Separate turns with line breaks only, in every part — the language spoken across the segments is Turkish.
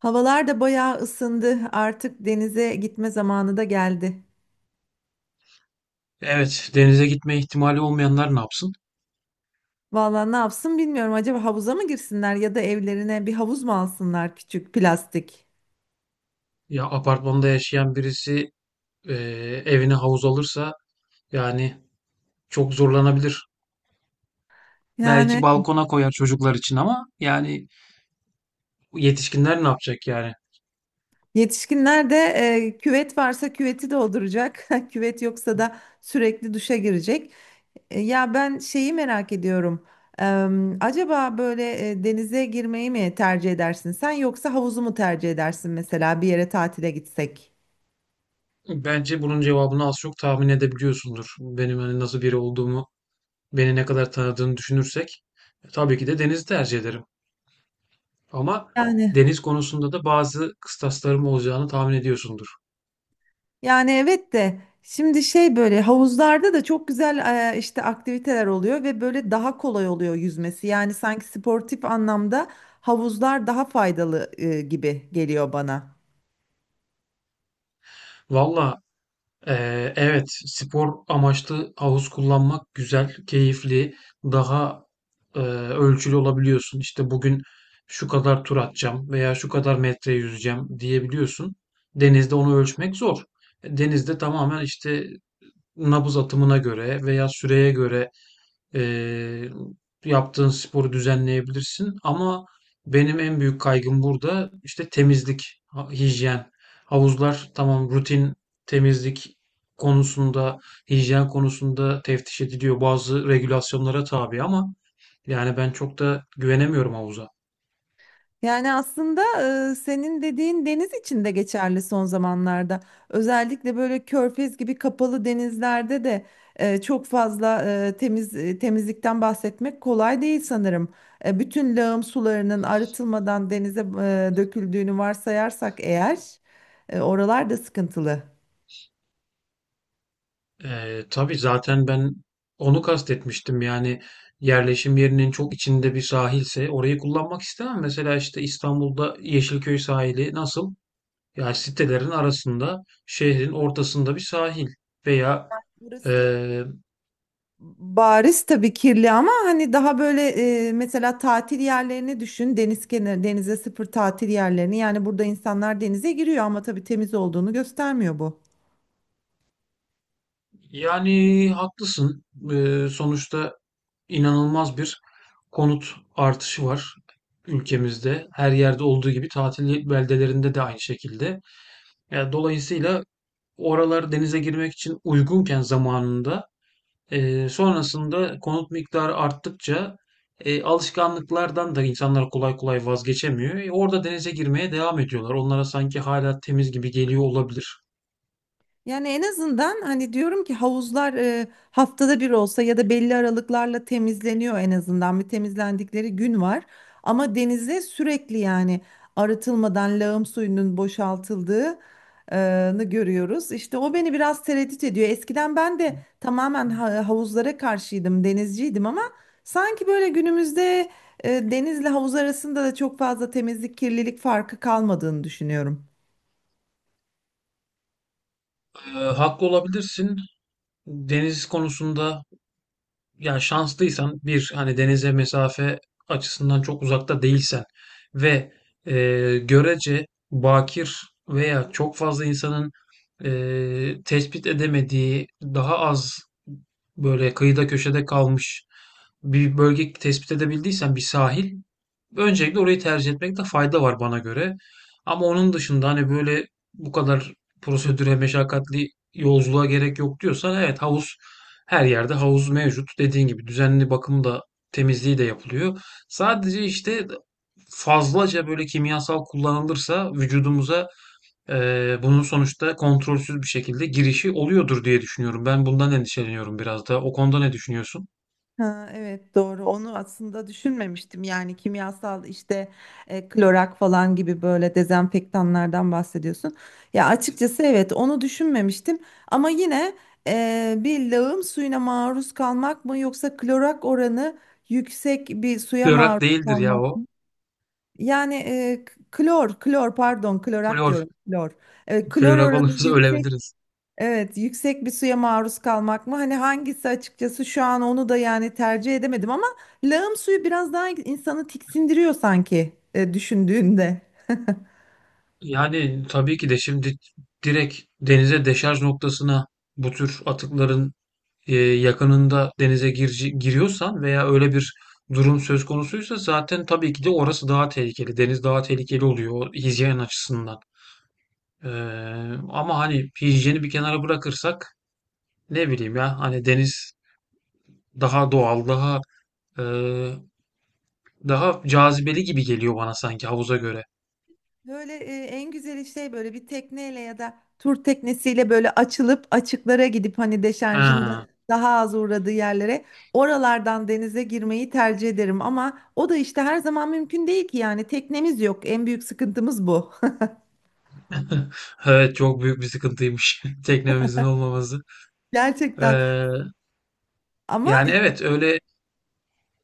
Havalar da bayağı ısındı. Artık denize gitme zamanı da geldi.
Evet, denize gitme ihtimali olmayanlar ne yapsın?
Vallahi ne yapsın bilmiyorum. Acaba havuza mı girsinler ya da evlerine bir havuz mu alsınlar küçük plastik?
Ya apartmanda yaşayan birisi e, evine havuz alırsa yani çok zorlanabilir.
Yani
Belki balkona koyar çocuklar için ama yani yetişkinler ne yapacak yani?
yetişkinler de küvet varsa küveti dolduracak. Küvet yoksa da sürekli duşa girecek. Ya ben şeyi merak ediyorum. Acaba böyle denize girmeyi mi tercih edersin sen yoksa havuzu mu tercih edersin mesela bir yere tatile gitsek?
Bence bunun cevabını az çok tahmin edebiliyorsundur. Benim hani nasıl biri olduğumu, beni ne kadar tanıdığını düşünürsek tabii ki de denizi tercih ederim. Ama
Yani.
deniz konusunda da bazı kıstaslarım olacağını tahmin ediyorsundur.
Yani evet de şimdi şey böyle havuzlarda da çok güzel işte aktiviteler oluyor ve böyle daha kolay oluyor yüzmesi. Yani sanki sportif anlamda havuzlar daha faydalı gibi geliyor bana.
Valla. Evet, spor amaçlı havuz kullanmak güzel, keyifli, daha e, ölçülü olabiliyorsun. İşte bugün şu kadar tur atacağım veya şu kadar metre yüzeceğim diyebiliyorsun. Denizde onu ölçmek zor. Denizde tamamen işte nabız atımına göre veya süreye göre Eee, yaptığın sporu düzenleyebilirsin ama benim en büyük kaygım burada işte temizlik, hijyen. Havuzlar tamam rutin temizlik konusunda, hijyen konusunda teftiş ediliyor. Bazı regülasyonlara tabi ama yani ben çok da güvenemiyorum havuza.
Yani aslında senin dediğin deniz için de geçerli son zamanlarda. Özellikle böyle körfez gibi kapalı denizlerde de çok fazla temizlikten bahsetmek kolay değil sanırım. Bütün lağım sularının arıtılmadan denize döküldüğünü varsayarsak eğer oralar da sıkıntılı.
Tabii zaten ben onu kastetmiştim. Yani yerleşim yerinin çok içinde bir sahilse orayı kullanmak istemem. Mesela işte İstanbul'da Yeşilköy sahili nasıl? Yani sitelerin arasında şehrin ortasında bir sahil veya
Burası
eee,
bariz tabii kirli ama hani daha böyle mesela tatil yerlerini düşün. Deniz kenarı, denize sıfır tatil yerlerini. Yani burada insanlar denize giriyor ama tabii temiz olduğunu göstermiyor bu.
yani haklısın. Sonuçta inanılmaz bir konut artışı var ülkemizde. Her yerde olduğu gibi tatil beldelerinde de aynı şekilde. Yani dolayısıyla oralar denize girmek için uygunken zamanında, sonrasında konut miktarı arttıkça alışkanlıklardan da insanlar kolay kolay vazgeçemiyor. Orada denize girmeye devam ediyorlar. Onlara sanki hala temiz gibi geliyor olabilir.
Yani en azından hani diyorum ki havuzlar haftada bir olsa ya da belli aralıklarla temizleniyor, en azından bir temizlendikleri gün var. Ama denize sürekli yani arıtılmadan lağım suyunun boşaltıldığını görüyoruz. İşte o beni biraz tereddüt ediyor. Eskiden ben de tamamen havuzlara karşıydım, denizciydim ama sanki böyle günümüzde denizle havuz arasında da çok fazla temizlik, kirlilik farkı kalmadığını düşünüyorum.
Haklı olabilirsin. Deniz konusunda yani şanslıysan bir hani denize mesafe açısından çok uzakta değilsen ve e, görece bakir veya çok fazla insanın tespit edemediği daha az böyle kıyıda köşede kalmış bir bölge tespit edebildiysen bir sahil. Öncelikle orayı tercih etmekte fayda var bana göre. Ama onun dışında hani böyle bu kadar prosedüre meşakkatli yolculuğa gerek yok diyorsan evet, havuz her yerde havuz mevcut. Dediğin gibi düzenli bakım da temizliği de yapılıyor. Sadece işte fazlaca böyle kimyasal kullanılırsa vücudumuza bunun sonuçta kontrolsüz bir şekilde girişi oluyordur diye düşünüyorum. Ben bundan endişeleniyorum biraz da. O konuda ne düşünüyorsun?
Ha, evet doğru, onu aslında düşünmemiştim, yani kimyasal işte klorak falan gibi böyle dezenfektanlardan bahsediyorsun. Ya açıkçası evet onu düşünmemiştim ama yine bir lağım suyuna maruz kalmak mı yoksa klorak oranı yüksek bir suya
Klorak
maruz
değildir ya
kalmak
o.
mı? Yani klor pardon, klorak
Klor.
diyorum, klor. Klor
Klorak
oranı
olursa
yüksek.
ölebiliriz.
Evet, yüksek bir suya maruz kalmak mı? Hani hangisi açıkçası şu an onu da yani tercih edemedim, ama lağım suyu biraz daha insanı tiksindiriyor sanki düşündüğünde.
Yani tabii ki de şimdi direkt denize deşarj noktasına bu tür atıkların yakınında denize giriyorsan veya öyle bir durum söz konusuysa zaten tabii ki de orası daha tehlikeli. Deniz daha tehlikeli oluyor o hijyen açısından. Ee, ama hani hijyeni bir kenara bırakırsak ne bileyim ya hani deniz daha doğal, e, daha cazibeli gibi geliyor bana sanki havuza göre.
Böyle en güzeli şey böyle bir tekneyle ya da tur teknesiyle böyle açılıp açıklara gidip hani deşarjın da
Ha.
daha az uğradığı yerlere, oralardan denize girmeyi tercih ederim, ama o da işte her zaman mümkün değil ki, yani teknemiz yok. En büyük sıkıntımız bu.
Evet, çok büyük bir sıkıntıymış teknemizin olmaması.
Gerçekten.
Ee,
Ama
yani evet, öyle.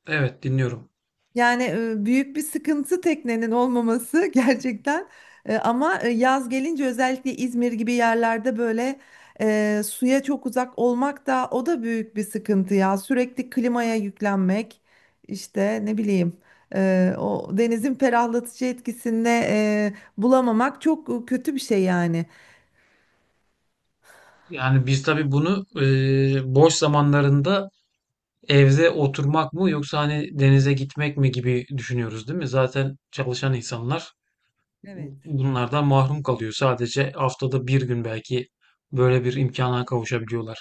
Evet, dinliyorum.
yani büyük bir sıkıntı teknenin olmaması gerçekten. Ama yaz gelince özellikle İzmir gibi yerlerde böyle suya çok uzak olmak da, o da büyük bir sıkıntı ya. Sürekli klimaya yüklenmek, işte ne bileyim, o denizin ferahlatıcı etkisini bulamamak çok kötü bir şey yani.
Yani biz tabii bunu boş zamanlarında evde oturmak mı yoksa hani denize gitmek mi gibi düşünüyoruz değil mi? Zaten çalışan insanlar
Evet.
bunlardan mahrum kalıyor. Sadece haftada bir gün belki böyle bir imkana kavuşabiliyorlar.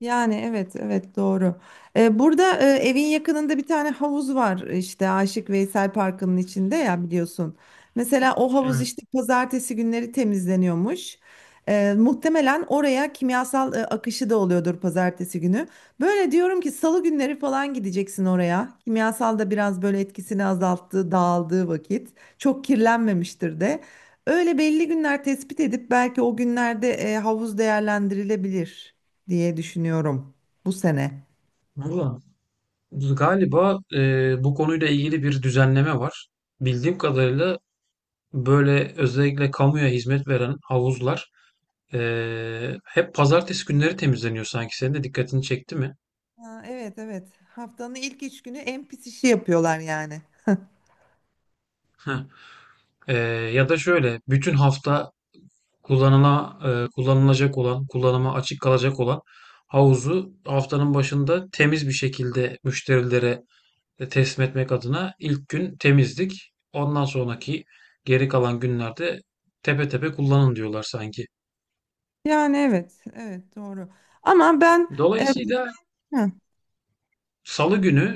Yani evet, evet doğru. Burada evin yakınında bir tane havuz var işte Aşık Veysel Parkı'nın içinde, ya biliyorsun. Mesela o havuz
Evet.
işte pazartesi günleri temizleniyormuş. Muhtemelen oraya kimyasal akışı da oluyordur pazartesi günü. Böyle diyorum ki salı günleri falan gideceksin oraya. Kimyasal da biraz böyle etkisini azalttığı, dağıldığı vakit. Çok kirlenmemiştir de. Öyle belli günler tespit edip belki o günlerde havuz değerlendirilebilir diye düşünüyorum bu sene.
Valla galiba bu konuyla ilgili bir düzenleme var. Bildiğim kadarıyla böyle özellikle kamuya hizmet veren havuzlar hep pazartesi günleri temizleniyor sanki. Senin de dikkatini çekti mi?
Ha, evet evet. Haftanın ilk üç günü en pis işi yapıyorlar yani.
Heh. Ee, ya da şöyle bütün hafta kullanıla, kullanılacak olan, kullanıma açık kalacak olan havuzu haftanın başında temiz bir şekilde müşterilere teslim etmek adına ilk gün temizlik. Ondan sonraki geri kalan günlerde tepe tepe kullanın diyorlar sanki.
Yani evet, evet doğru. Ama ben e,
Dolayısıyla
hı,
salı günü,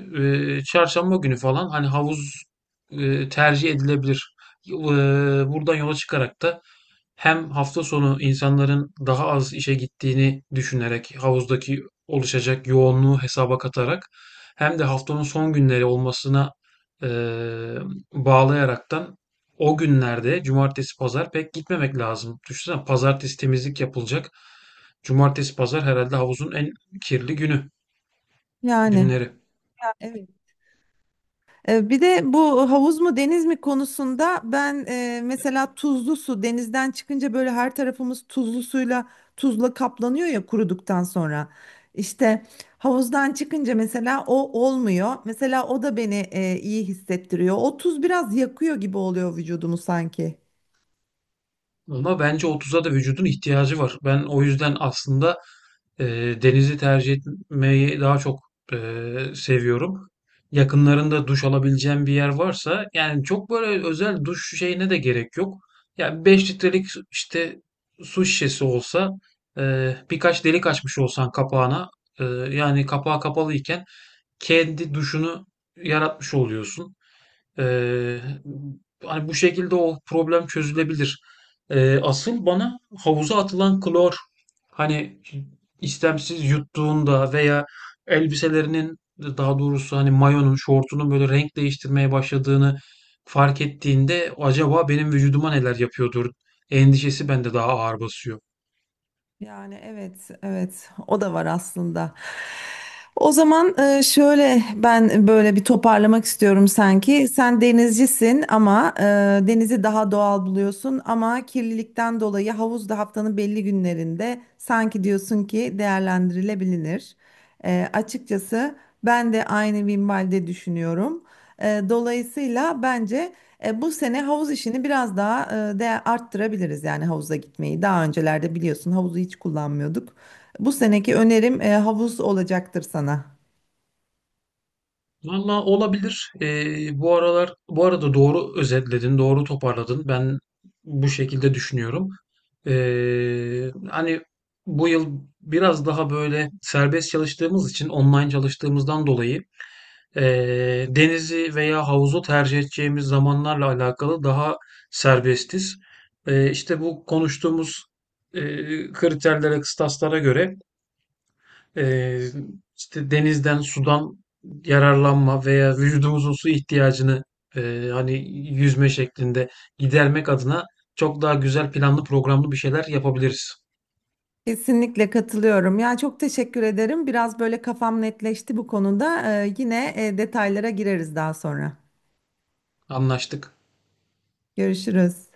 çarşamba günü falan hani havuz tercih edilebilir. E, buradan yola çıkarak da hem hafta sonu insanların daha az işe gittiğini düşünerek havuzdaki oluşacak yoğunluğu hesaba katarak hem de haftanın son günleri olmasına e, bağlayaraktan o günlerde cumartesi pazar pek gitmemek lazım. Düşünsene pazartesi temizlik yapılacak. Cumartesi pazar herhalde havuzun en kirli günü,
yani.
günleri.
Evet. Bir de bu havuz mu deniz mi konusunda ben mesela tuzlu su denizden çıkınca böyle her tarafımız tuzlu suyla, tuzla kaplanıyor ya kuruduktan sonra. İşte havuzdan çıkınca mesela o olmuyor. Mesela o da beni iyi hissettiriyor. O tuz biraz yakıyor gibi oluyor vücudumu sanki.
Ama bence otuz'a da vücudun ihtiyacı var. Ben o yüzden aslında e, denizi tercih etmeyi daha çok e, seviyorum. Yakınlarında duş alabileceğim bir yer varsa yani çok böyle özel duş şeyine de gerek yok. Ya 5 litrelik işte su şişesi olsa birkaç delik açmış olsan kapağına e, yani kapağı kapalı iken kendi duşunu yaratmış oluyorsun. Ee, hani bu şekilde o problem çözülebilir. Asıl bana havuza atılan klor hani istemsiz yuttuğunda veya elbiselerinin daha doğrusu hani mayonun şortunun böyle renk değiştirmeye başladığını fark ettiğinde acaba benim vücuduma neler yapıyordur endişesi bende daha ağır basıyor.
Yani evet, evet o da var aslında. O zaman şöyle ben böyle bir toparlamak istiyorum sanki. Sen denizcisin ama denizi daha doğal buluyorsun, ama kirlilikten dolayı havuz da haftanın belli günlerinde sanki diyorsun ki değerlendirilebilir. Açıkçası ben de aynı minvalde düşünüyorum. Dolayısıyla bence. Bu sene havuz işini biraz daha de arttırabiliriz, yani havuza gitmeyi. Daha öncelerde biliyorsun havuzu hiç kullanmıyorduk. Bu seneki önerim havuz olacaktır sana.
Valla olabilir. Bu aralar bu arada doğru özetledin, doğru toparladın. Ben bu şekilde düşünüyorum. Hani bu yıl biraz daha böyle serbest çalıştığımız için online çalıştığımızdan dolayı denizi veya havuzu tercih edeceğimiz zamanlarla alakalı daha serbestiz. İşte bu konuştuğumuz kriterlere, kıstaslara göre ee, işte denizden, sudan yararlanma veya vücudumuzun su ihtiyacını hani yüzme şeklinde gidermek adına çok daha güzel planlı programlı bir şeyler yapabiliriz.
Kesinlikle katılıyorum. Ya çok teşekkür ederim. Biraz böyle kafam netleşti bu konuda. Yine detaylara gireriz daha sonra.
Anlaştık.
Görüşürüz.